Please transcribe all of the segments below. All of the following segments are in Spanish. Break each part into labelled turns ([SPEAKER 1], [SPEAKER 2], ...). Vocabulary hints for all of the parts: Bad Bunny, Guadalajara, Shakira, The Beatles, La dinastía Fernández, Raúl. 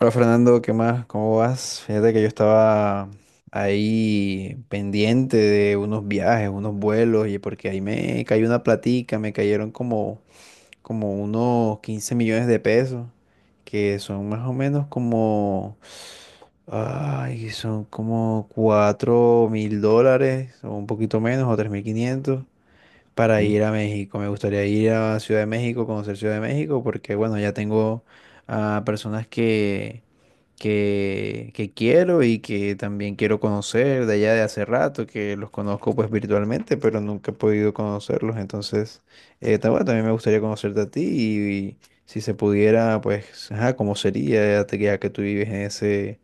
[SPEAKER 1] Hola Fernando, ¿qué más? ¿Cómo vas? Fíjate que yo estaba ahí pendiente de unos viajes, unos vuelos, y porque ahí me cayó una platica, me cayeron como unos 15 millones de pesos, que son más o menos como, ay, son como 4.000 dólares, o un poquito menos, o 3.500 para
[SPEAKER 2] ¿Eh?
[SPEAKER 1] ir a México. Me gustaría ir a Ciudad de México, conocer Ciudad de México, porque bueno, ya tengo a personas que quiero y que también quiero conocer de allá de hace rato, que los conozco pues virtualmente, pero nunca he podido conocerlos. Entonces, bueno, también me gustaría conocerte a ti y si se pudiera, pues, ajá, cómo sería ya, ya que tú vives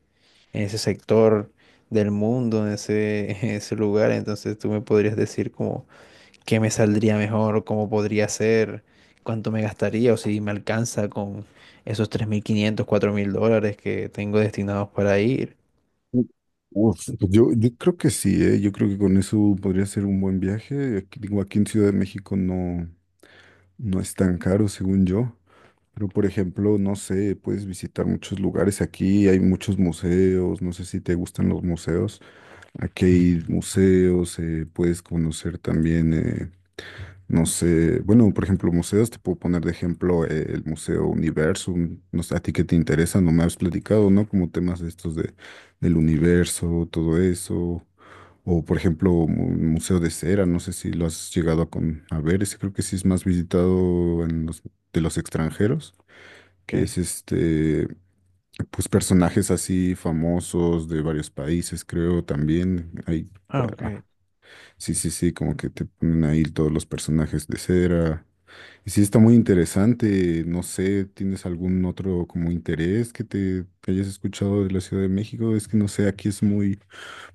[SPEAKER 1] en ese sector del mundo, en ese, en ese lugar. Entonces, tú me podrías decir como qué me saldría mejor, cómo podría ser, cuánto me gastaría o si me alcanza con esos 3.500 4.000 dólares que tengo destinados para ir.
[SPEAKER 2] U- Uf, pues yo creo que sí, ¿eh? Yo creo que con eso podría ser un buen viaje. Aquí, digo, aquí en Ciudad de México no, no es tan caro, según yo. Pero, por ejemplo, no sé, puedes visitar muchos lugares aquí, hay muchos museos, no sé si te gustan los museos. Aquí hay museos, puedes conocer también no sé, bueno, por ejemplo, museos, te puedo poner de ejemplo el Museo Universum, no sé, a ti qué te interesa, no me has platicado, ¿no? Como temas de estos de, del universo, todo eso, o por ejemplo, Museo de Cera, no sé si lo has llegado a, con, a ver, ese creo que sí es más visitado en los, de los extranjeros, que
[SPEAKER 1] Okay.
[SPEAKER 2] es este, pues personajes así famosos de varios países, creo también, hay,
[SPEAKER 1] Ah, ok.
[SPEAKER 2] ah, sí, sí, sí, como que te ponen ahí todos los personajes de cera y sí, está muy interesante. No sé, ¿tienes algún otro como interés que te que hayas escuchado de la Ciudad de México? Es que no sé, aquí es muy,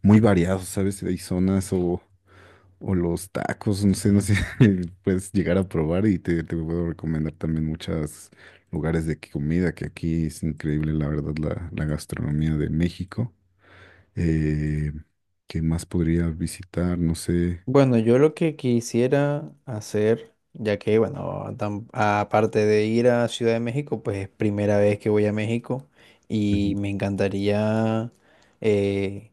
[SPEAKER 2] muy variado, ¿sabes? Hay zonas o, los tacos, no sé, puedes llegar a probar y te puedo recomendar también muchos lugares de comida, que aquí es increíble, la verdad, la gastronomía de México. Eh, ¿qué más podría visitar? No sé.
[SPEAKER 1] Bueno, yo lo que quisiera hacer, ya que, bueno, aparte de ir a Ciudad de México, pues es primera vez que voy a México y
[SPEAKER 2] Ujú.
[SPEAKER 1] me encantaría eh,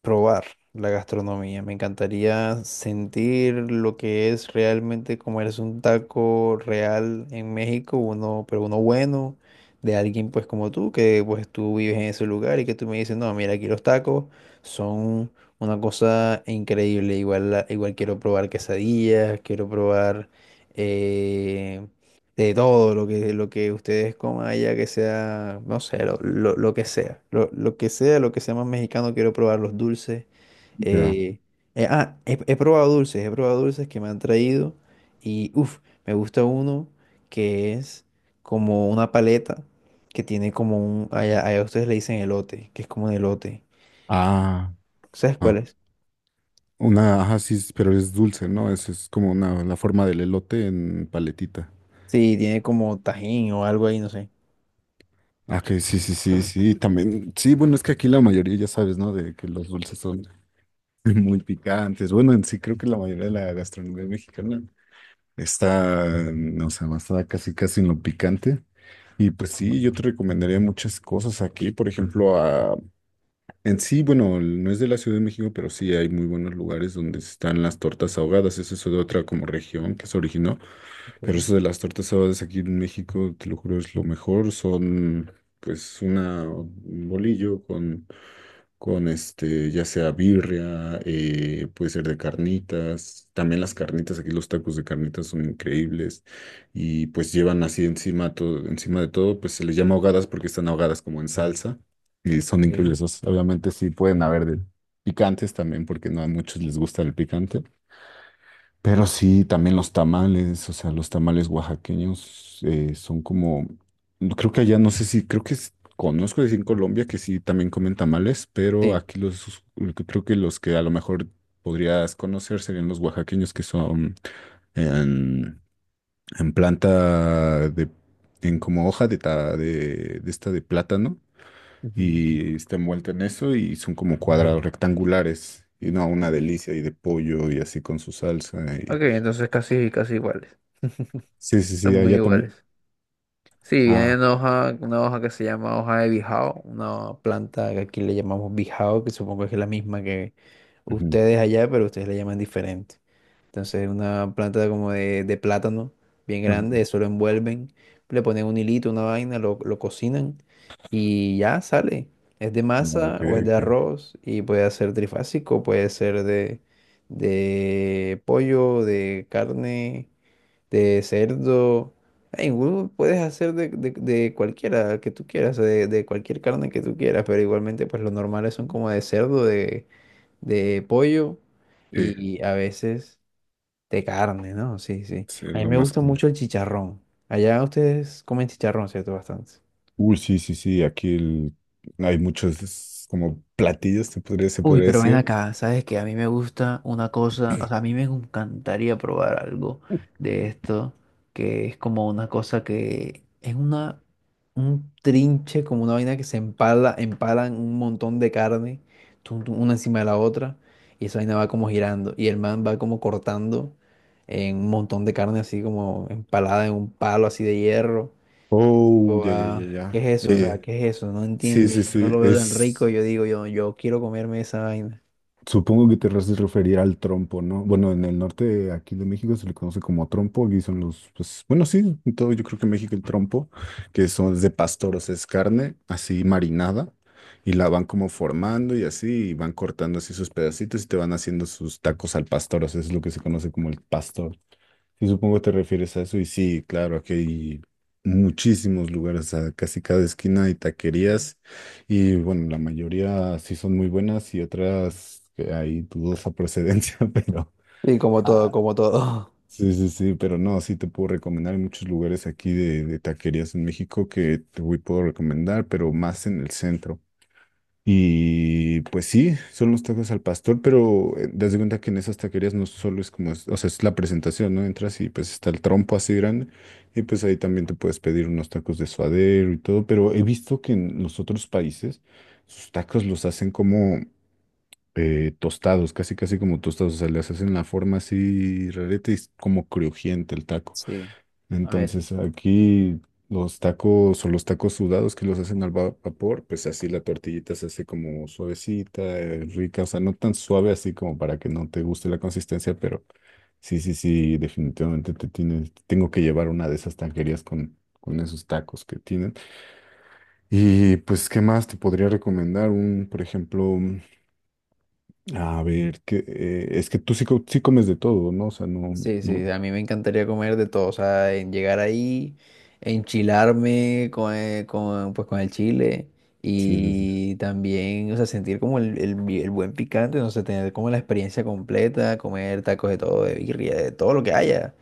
[SPEAKER 1] probar la gastronomía. Me encantaría sentir lo que es realmente comerse un taco real en México, uno, pero uno bueno, de alguien pues como tú, que pues tú vives en ese lugar y que tú me dices, no, mira, aquí los tacos son una cosa increíble. Igual, igual quiero probar quesadillas, quiero probar eh, de todo lo que ustedes coman allá, que sea, no sé, lo que sea, lo que sea, lo que sea más mexicano, quiero probar los dulces.
[SPEAKER 2] Ya.
[SPEAKER 1] eh, he probado dulces, he probado dulces que me han traído y, uff, me gusta uno que es como una paleta que tiene como un, allá ustedes le dicen elote, que es como un elote.
[SPEAKER 2] Ah.
[SPEAKER 1] ¿Sabes
[SPEAKER 2] Ah.
[SPEAKER 1] cuál es?
[SPEAKER 2] Una, ajá, sí, pero es dulce, ¿no? Es como una, la forma del elote en paletita.
[SPEAKER 1] Sí, tiene como tajín o algo ahí, no sé.
[SPEAKER 2] Ah, que sí, sí, sí, sí, también. Sí, bueno, es que aquí la mayoría ya sabes, ¿no? De que los dulces son muy picantes. Bueno, en sí creo que la mayoría de la gastronomía mexicana está, o sea, basada casi casi en lo picante. Y pues sí, yo te recomendaría muchas cosas aquí, por ejemplo, en sí, bueno, no es de la Ciudad de México, pero sí hay muy buenos lugares donde están las tortas ahogadas. Eso es de otra como región que se originó. Pero
[SPEAKER 1] Ok,
[SPEAKER 2] eso de las tortas ahogadas aquí en México, te lo juro, es lo mejor. Son pues una, un bolillo con, este, ya sea birria, puede ser de carnitas. También las carnitas, aquí los tacos de carnitas son increíbles. Y pues llevan así encima, todo, encima de todo, pues se les llama ahogadas porque están ahogadas como en salsa. Y son increíbles,
[SPEAKER 1] ok.
[SPEAKER 2] esos. Obviamente sí pueden haber de picantes también, porque no a muchos les gusta el picante. Pero sí, también los tamales, o sea, los tamales oaxaqueños son como, no, creo que allá, no sé si, creo que conozco decir en Colombia que sí también comen tamales, pero
[SPEAKER 1] Sí.
[SPEAKER 2] aquí los, creo que los que a lo mejor podrías conocer serían los oaxaqueños que son en, en planta de, en como hoja de, de esta de plátano
[SPEAKER 1] Ujú.
[SPEAKER 2] y está envuelta en eso y son como cuadrados rectangulares. Y no, una delicia y de pollo y así con su salsa.
[SPEAKER 1] Ok,
[SPEAKER 2] Y...
[SPEAKER 1] entonces casi, casi iguales.
[SPEAKER 2] Sí, sí,
[SPEAKER 1] Son
[SPEAKER 2] sí,
[SPEAKER 1] muy
[SPEAKER 2] allá también.
[SPEAKER 1] iguales. Sí, viene
[SPEAKER 2] Ah,
[SPEAKER 1] una hoja que se llama hoja de bijao, una planta que aquí le llamamos bijao, que supongo que es la misma que
[SPEAKER 2] ujú,
[SPEAKER 1] ustedes allá, pero ustedes le llaman diferente. Entonces, una planta como de plátano, bien
[SPEAKER 2] ujú.
[SPEAKER 1] grande, eso lo envuelven, le ponen un hilito, una vaina, lo cocinan y ya sale. Es de
[SPEAKER 2] No,
[SPEAKER 1] masa
[SPEAKER 2] ok,
[SPEAKER 1] o es de
[SPEAKER 2] ok.
[SPEAKER 1] arroz y puede ser trifásico, puede ser de pollo, de carne de cerdo. Ay, igual puedes hacer de cualquiera que tú quieras, o de cualquier carne que tú quieras, pero igualmente pues los normales son como de cerdo, de pollo
[SPEAKER 2] Sí,
[SPEAKER 1] y a veces de carne, ¿no? Sí, sí.
[SPEAKER 2] sí,
[SPEAKER 1] A mí
[SPEAKER 2] lo
[SPEAKER 1] me
[SPEAKER 2] más
[SPEAKER 1] gusta
[SPEAKER 2] común.
[SPEAKER 1] mucho el chicharrón. Allá ustedes comen chicharrón, ¿cierto? Bastante.
[SPEAKER 2] Uy, sí, sí, sí, aquí hay muchos es como platillos, se
[SPEAKER 1] Uy,
[SPEAKER 2] podría
[SPEAKER 1] pero ven
[SPEAKER 2] decir.
[SPEAKER 1] acá, sabes que a mí me gusta una cosa, o sea, a mí me encantaría probar algo de esto, que es como una cosa que es un trinche, como una vaina que se empala, empalan un montón de carne, tum, tum, una encima de la otra, y esa vaina va como girando, y el man va como cortando en un montón de carne así como empalada en un palo así de hierro.
[SPEAKER 2] Oh,
[SPEAKER 1] Tipo,
[SPEAKER 2] ya, ya, ya,
[SPEAKER 1] ah, ¿qué
[SPEAKER 2] ya.
[SPEAKER 1] es eso? O sea,
[SPEAKER 2] Eh,
[SPEAKER 1] ¿qué es eso? No
[SPEAKER 2] sí,
[SPEAKER 1] entiendo,
[SPEAKER 2] sí,
[SPEAKER 1] yo no
[SPEAKER 2] sí,
[SPEAKER 1] lo veo tan
[SPEAKER 2] es.
[SPEAKER 1] rico, yo digo, yo quiero comerme esa vaina.
[SPEAKER 2] Supongo que te haces referir al trompo, ¿no? Bueno, en el norte de aquí de México se le conoce como trompo, aquí son los, pues, bueno, sí, en todo yo creo que en México el trompo, que son de pastor, o sea, es carne así marinada, y la van como formando y así, y van cortando así sus pedacitos y te van haciendo sus tacos al pastor, o sea, es lo que se conoce como el pastor. Sí, supongo te refieres a eso y sí, claro, aquí hay muchísimos lugares, a casi cada esquina hay taquerías y bueno, la mayoría sí son muy buenas y otras que hay dudosa procedencia, pero.
[SPEAKER 1] Y como todo,
[SPEAKER 2] Ah,
[SPEAKER 1] como todo.
[SPEAKER 2] sí, sí, sí, pero no, sí te puedo recomendar hay muchos lugares aquí de, taquerías en México que puedo recomendar, pero más en el centro. Y pues sí, son los tacos al pastor, pero das de cuenta que en esas taquerías no solo es como, o sea, es la presentación, ¿no? Entras y pues está el trompo así grande y pues ahí también te puedes pedir unos tacos de suadero y todo, pero he visto que en los otros países sus tacos los hacen como tostados, casi casi como tostados, o sea, les hacen la forma así rareta y es como crujiente el taco.
[SPEAKER 1] Sí, a ver,
[SPEAKER 2] Entonces aquí los tacos o los tacos sudados que los hacen al vapor, pues así la tortillita se hace como suavecita, rica, o sea, no tan suave así como para que no te guste la consistencia, pero sí, sí, sí, definitivamente tengo que llevar una de esas taquerías con, esos tacos que tienen. Y pues, ¿qué más te podría recomendar? Por ejemplo, a ver, que es que tú sí, sí comes de todo, ¿no? O sea, no,
[SPEAKER 1] sí, sí,
[SPEAKER 2] no,
[SPEAKER 1] a mí me encantaría comer de todo, o sea, en llegar ahí, enchilarme con, pues, con el chile
[SPEAKER 2] sí, sí, sí.
[SPEAKER 1] y también, o sea, sentir como el, el buen picante, no sé, tener como la experiencia completa, comer tacos de todo, de birria, de todo lo que haya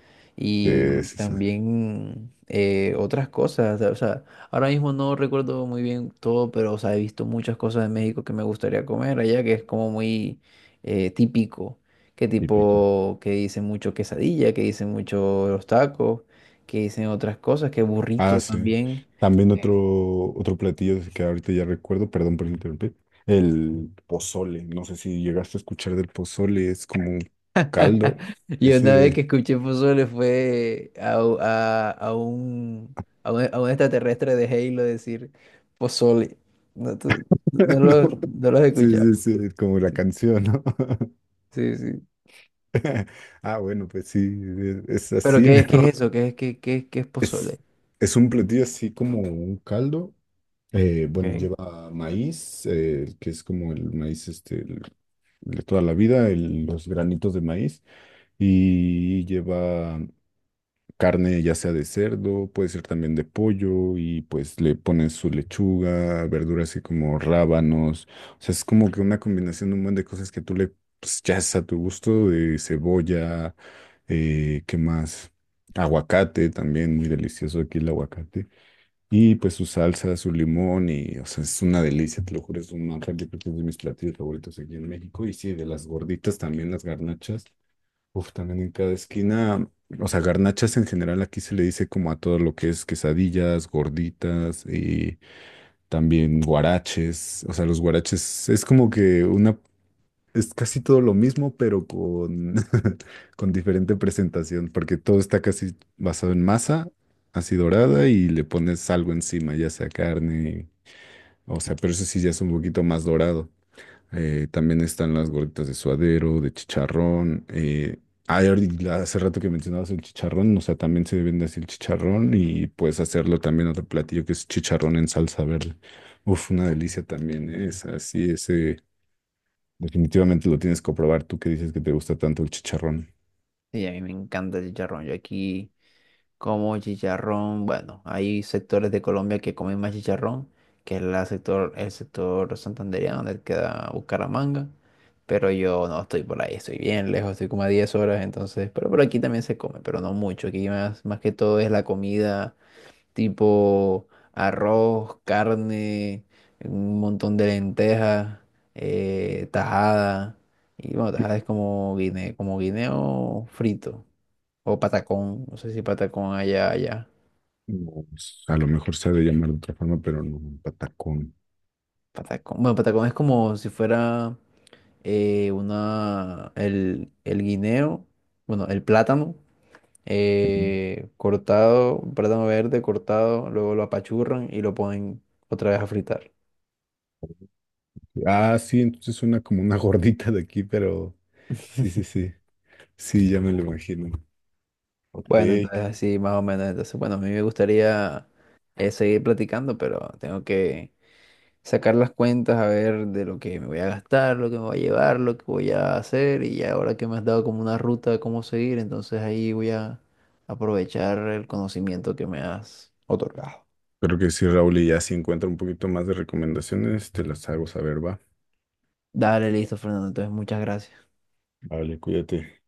[SPEAKER 2] Eh,
[SPEAKER 1] y
[SPEAKER 2] sí, sí,
[SPEAKER 1] también otras cosas, o sea, ahora mismo no recuerdo muy bien todo, pero, o sea, he visto muchas cosas de México que me gustaría comer allá, que es como muy típico, que
[SPEAKER 2] típico.
[SPEAKER 1] tipo, que dicen mucho quesadilla, que dicen mucho los tacos, que dicen otras cosas, que
[SPEAKER 2] Ah,
[SPEAKER 1] burrito
[SPEAKER 2] sí.
[SPEAKER 1] también.
[SPEAKER 2] También otro platillo que ahorita ya recuerdo, perdón por interrumpir, el pozole. No sé si llegaste a escuchar del pozole, es como un
[SPEAKER 1] Eh,
[SPEAKER 2] caldo.
[SPEAKER 1] Y una vez
[SPEAKER 2] Ese.
[SPEAKER 1] que escuché pozole fue a, u- a un, a un, a un extraterrestre de Halo decir pozole. No, no
[SPEAKER 2] No.
[SPEAKER 1] lo, no lo has
[SPEAKER 2] Sí,
[SPEAKER 1] escuchado.
[SPEAKER 2] sí, sí, es como la
[SPEAKER 1] Sí,
[SPEAKER 2] canción, ¿no?
[SPEAKER 1] sí, sí.
[SPEAKER 2] Ah, bueno, pues sí, es
[SPEAKER 1] ¿Pero
[SPEAKER 2] así,
[SPEAKER 1] qué
[SPEAKER 2] pero
[SPEAKER 1] es eso? ¿Qué es, qué es
[SPEAKER 2] es,
[SPEAKER 1] pozole?
[SPEAKER 2] es un platillo así como un caldo. Bueno,
[SPEAKER 1] Okay.
[SPEAKER 2] lleva maíz, que es como el maíz este, de toda la vida, los granitos de maíz, y lleva carne ya sea de cerdo, puede ser también de pollo, y pues le ponen su lechuga, verduras así como rábanos, o sea, es como que una combinación de un montón de cosas que tú le pues, ya es a tu gusto, de cebolla, ¿qué más? Aguacate también, muy delicioso aquí el aguacate. Y pues su salsa, su limón y, o sea, es una delicia, te lo juro, es una realmente es de mis platillos favoritos aquí en México. Y sí, de las gorditas también, las garnachas. Uf, también en cada esquina, o sea, garnachas en general aquí se le dice como a todo lo que es quesadillas, gorditas y también guaraches. O sea, los guaraches es como que una es casi todo lo mismo, pero con, con diferente presentación, porque todo está casi basado en masa, así dorada, y le pones algo encima, ya sea carne, o sea, pero eso sí ya es un poquito más dorado. También están las gorditas de suadero, de chicharrón. Y hace rato que mencionabas el chicharrón, o sea, también se vende así el chicharrón y puedes hacerlo también otro platillo que es chicharrón en salsa verde. Uf, una delicia también, es así, ese. Definitivamente lo tienes que probar. Tú que dices que te gusta tanto el chicharrón.
[SPEAKER 1] Sí, a mí me encanta el chicharrón. Yo aquí. Como chicharrón, bueno, hay sectores de Colombia que comen más chicharrón, que es la sector, el sector santandereano donde queda Bucaramanga, pero yo no estoy por ahí, estoy bien lejos, estoy como a 10 horas, entonces, pero por aquí también se come, pero no mucho, aquí más, más que todo es la comida tipo arroz, carne, un montón de lentejas, tajada, y bueno,
[SPEAKER 2] Sí.
[SPEAKER 1] tajada es como guine, como guineo frito, o patacón, no sé si patacón allá, allá.
[SPEAKER 2] Pues, a lo mejor se ha de llamar de otra forma, pero no, un patacón.
[SPEAKER 1] Patacón. Bueno, patacón es como si fuera el guineo, bueno, el plátano,
[SPEAKER 2] Ujú.
[SPEAKER 1] cortado, un plátano verde cortado, luego lo apachurran y lo ponen otra vez a fritar.
[SPEAKER 2] Ah, sí, entonces suena como una gordita de aquí, pero sí, sí, sí. Sí, ya me lo imagino. Ok.
[SPEAKER 1] Bueno, entonces así más o menos. Entonces, bueno, a mí me gustaría seguir platicando, pero tengo que... sacar las cuentas a ver de lo que me voy a gastar, lo que me voy a llevar, lo que voy a hacer y ya ahora que me has dado como una ruta de cómo seguir, entonces ahí voy a aprovechar el conocimiento que me has otorgado.
[SPEAKER 2] Creo que sí, Raúl, y ya si encuentro un poquito más de recomendaciones, te las hago saber, va.
[SPEAKER 1] Dale, listo, Fernando. Entonces, muchas gracias.
[SPEAKER 2] Vale, cuídate.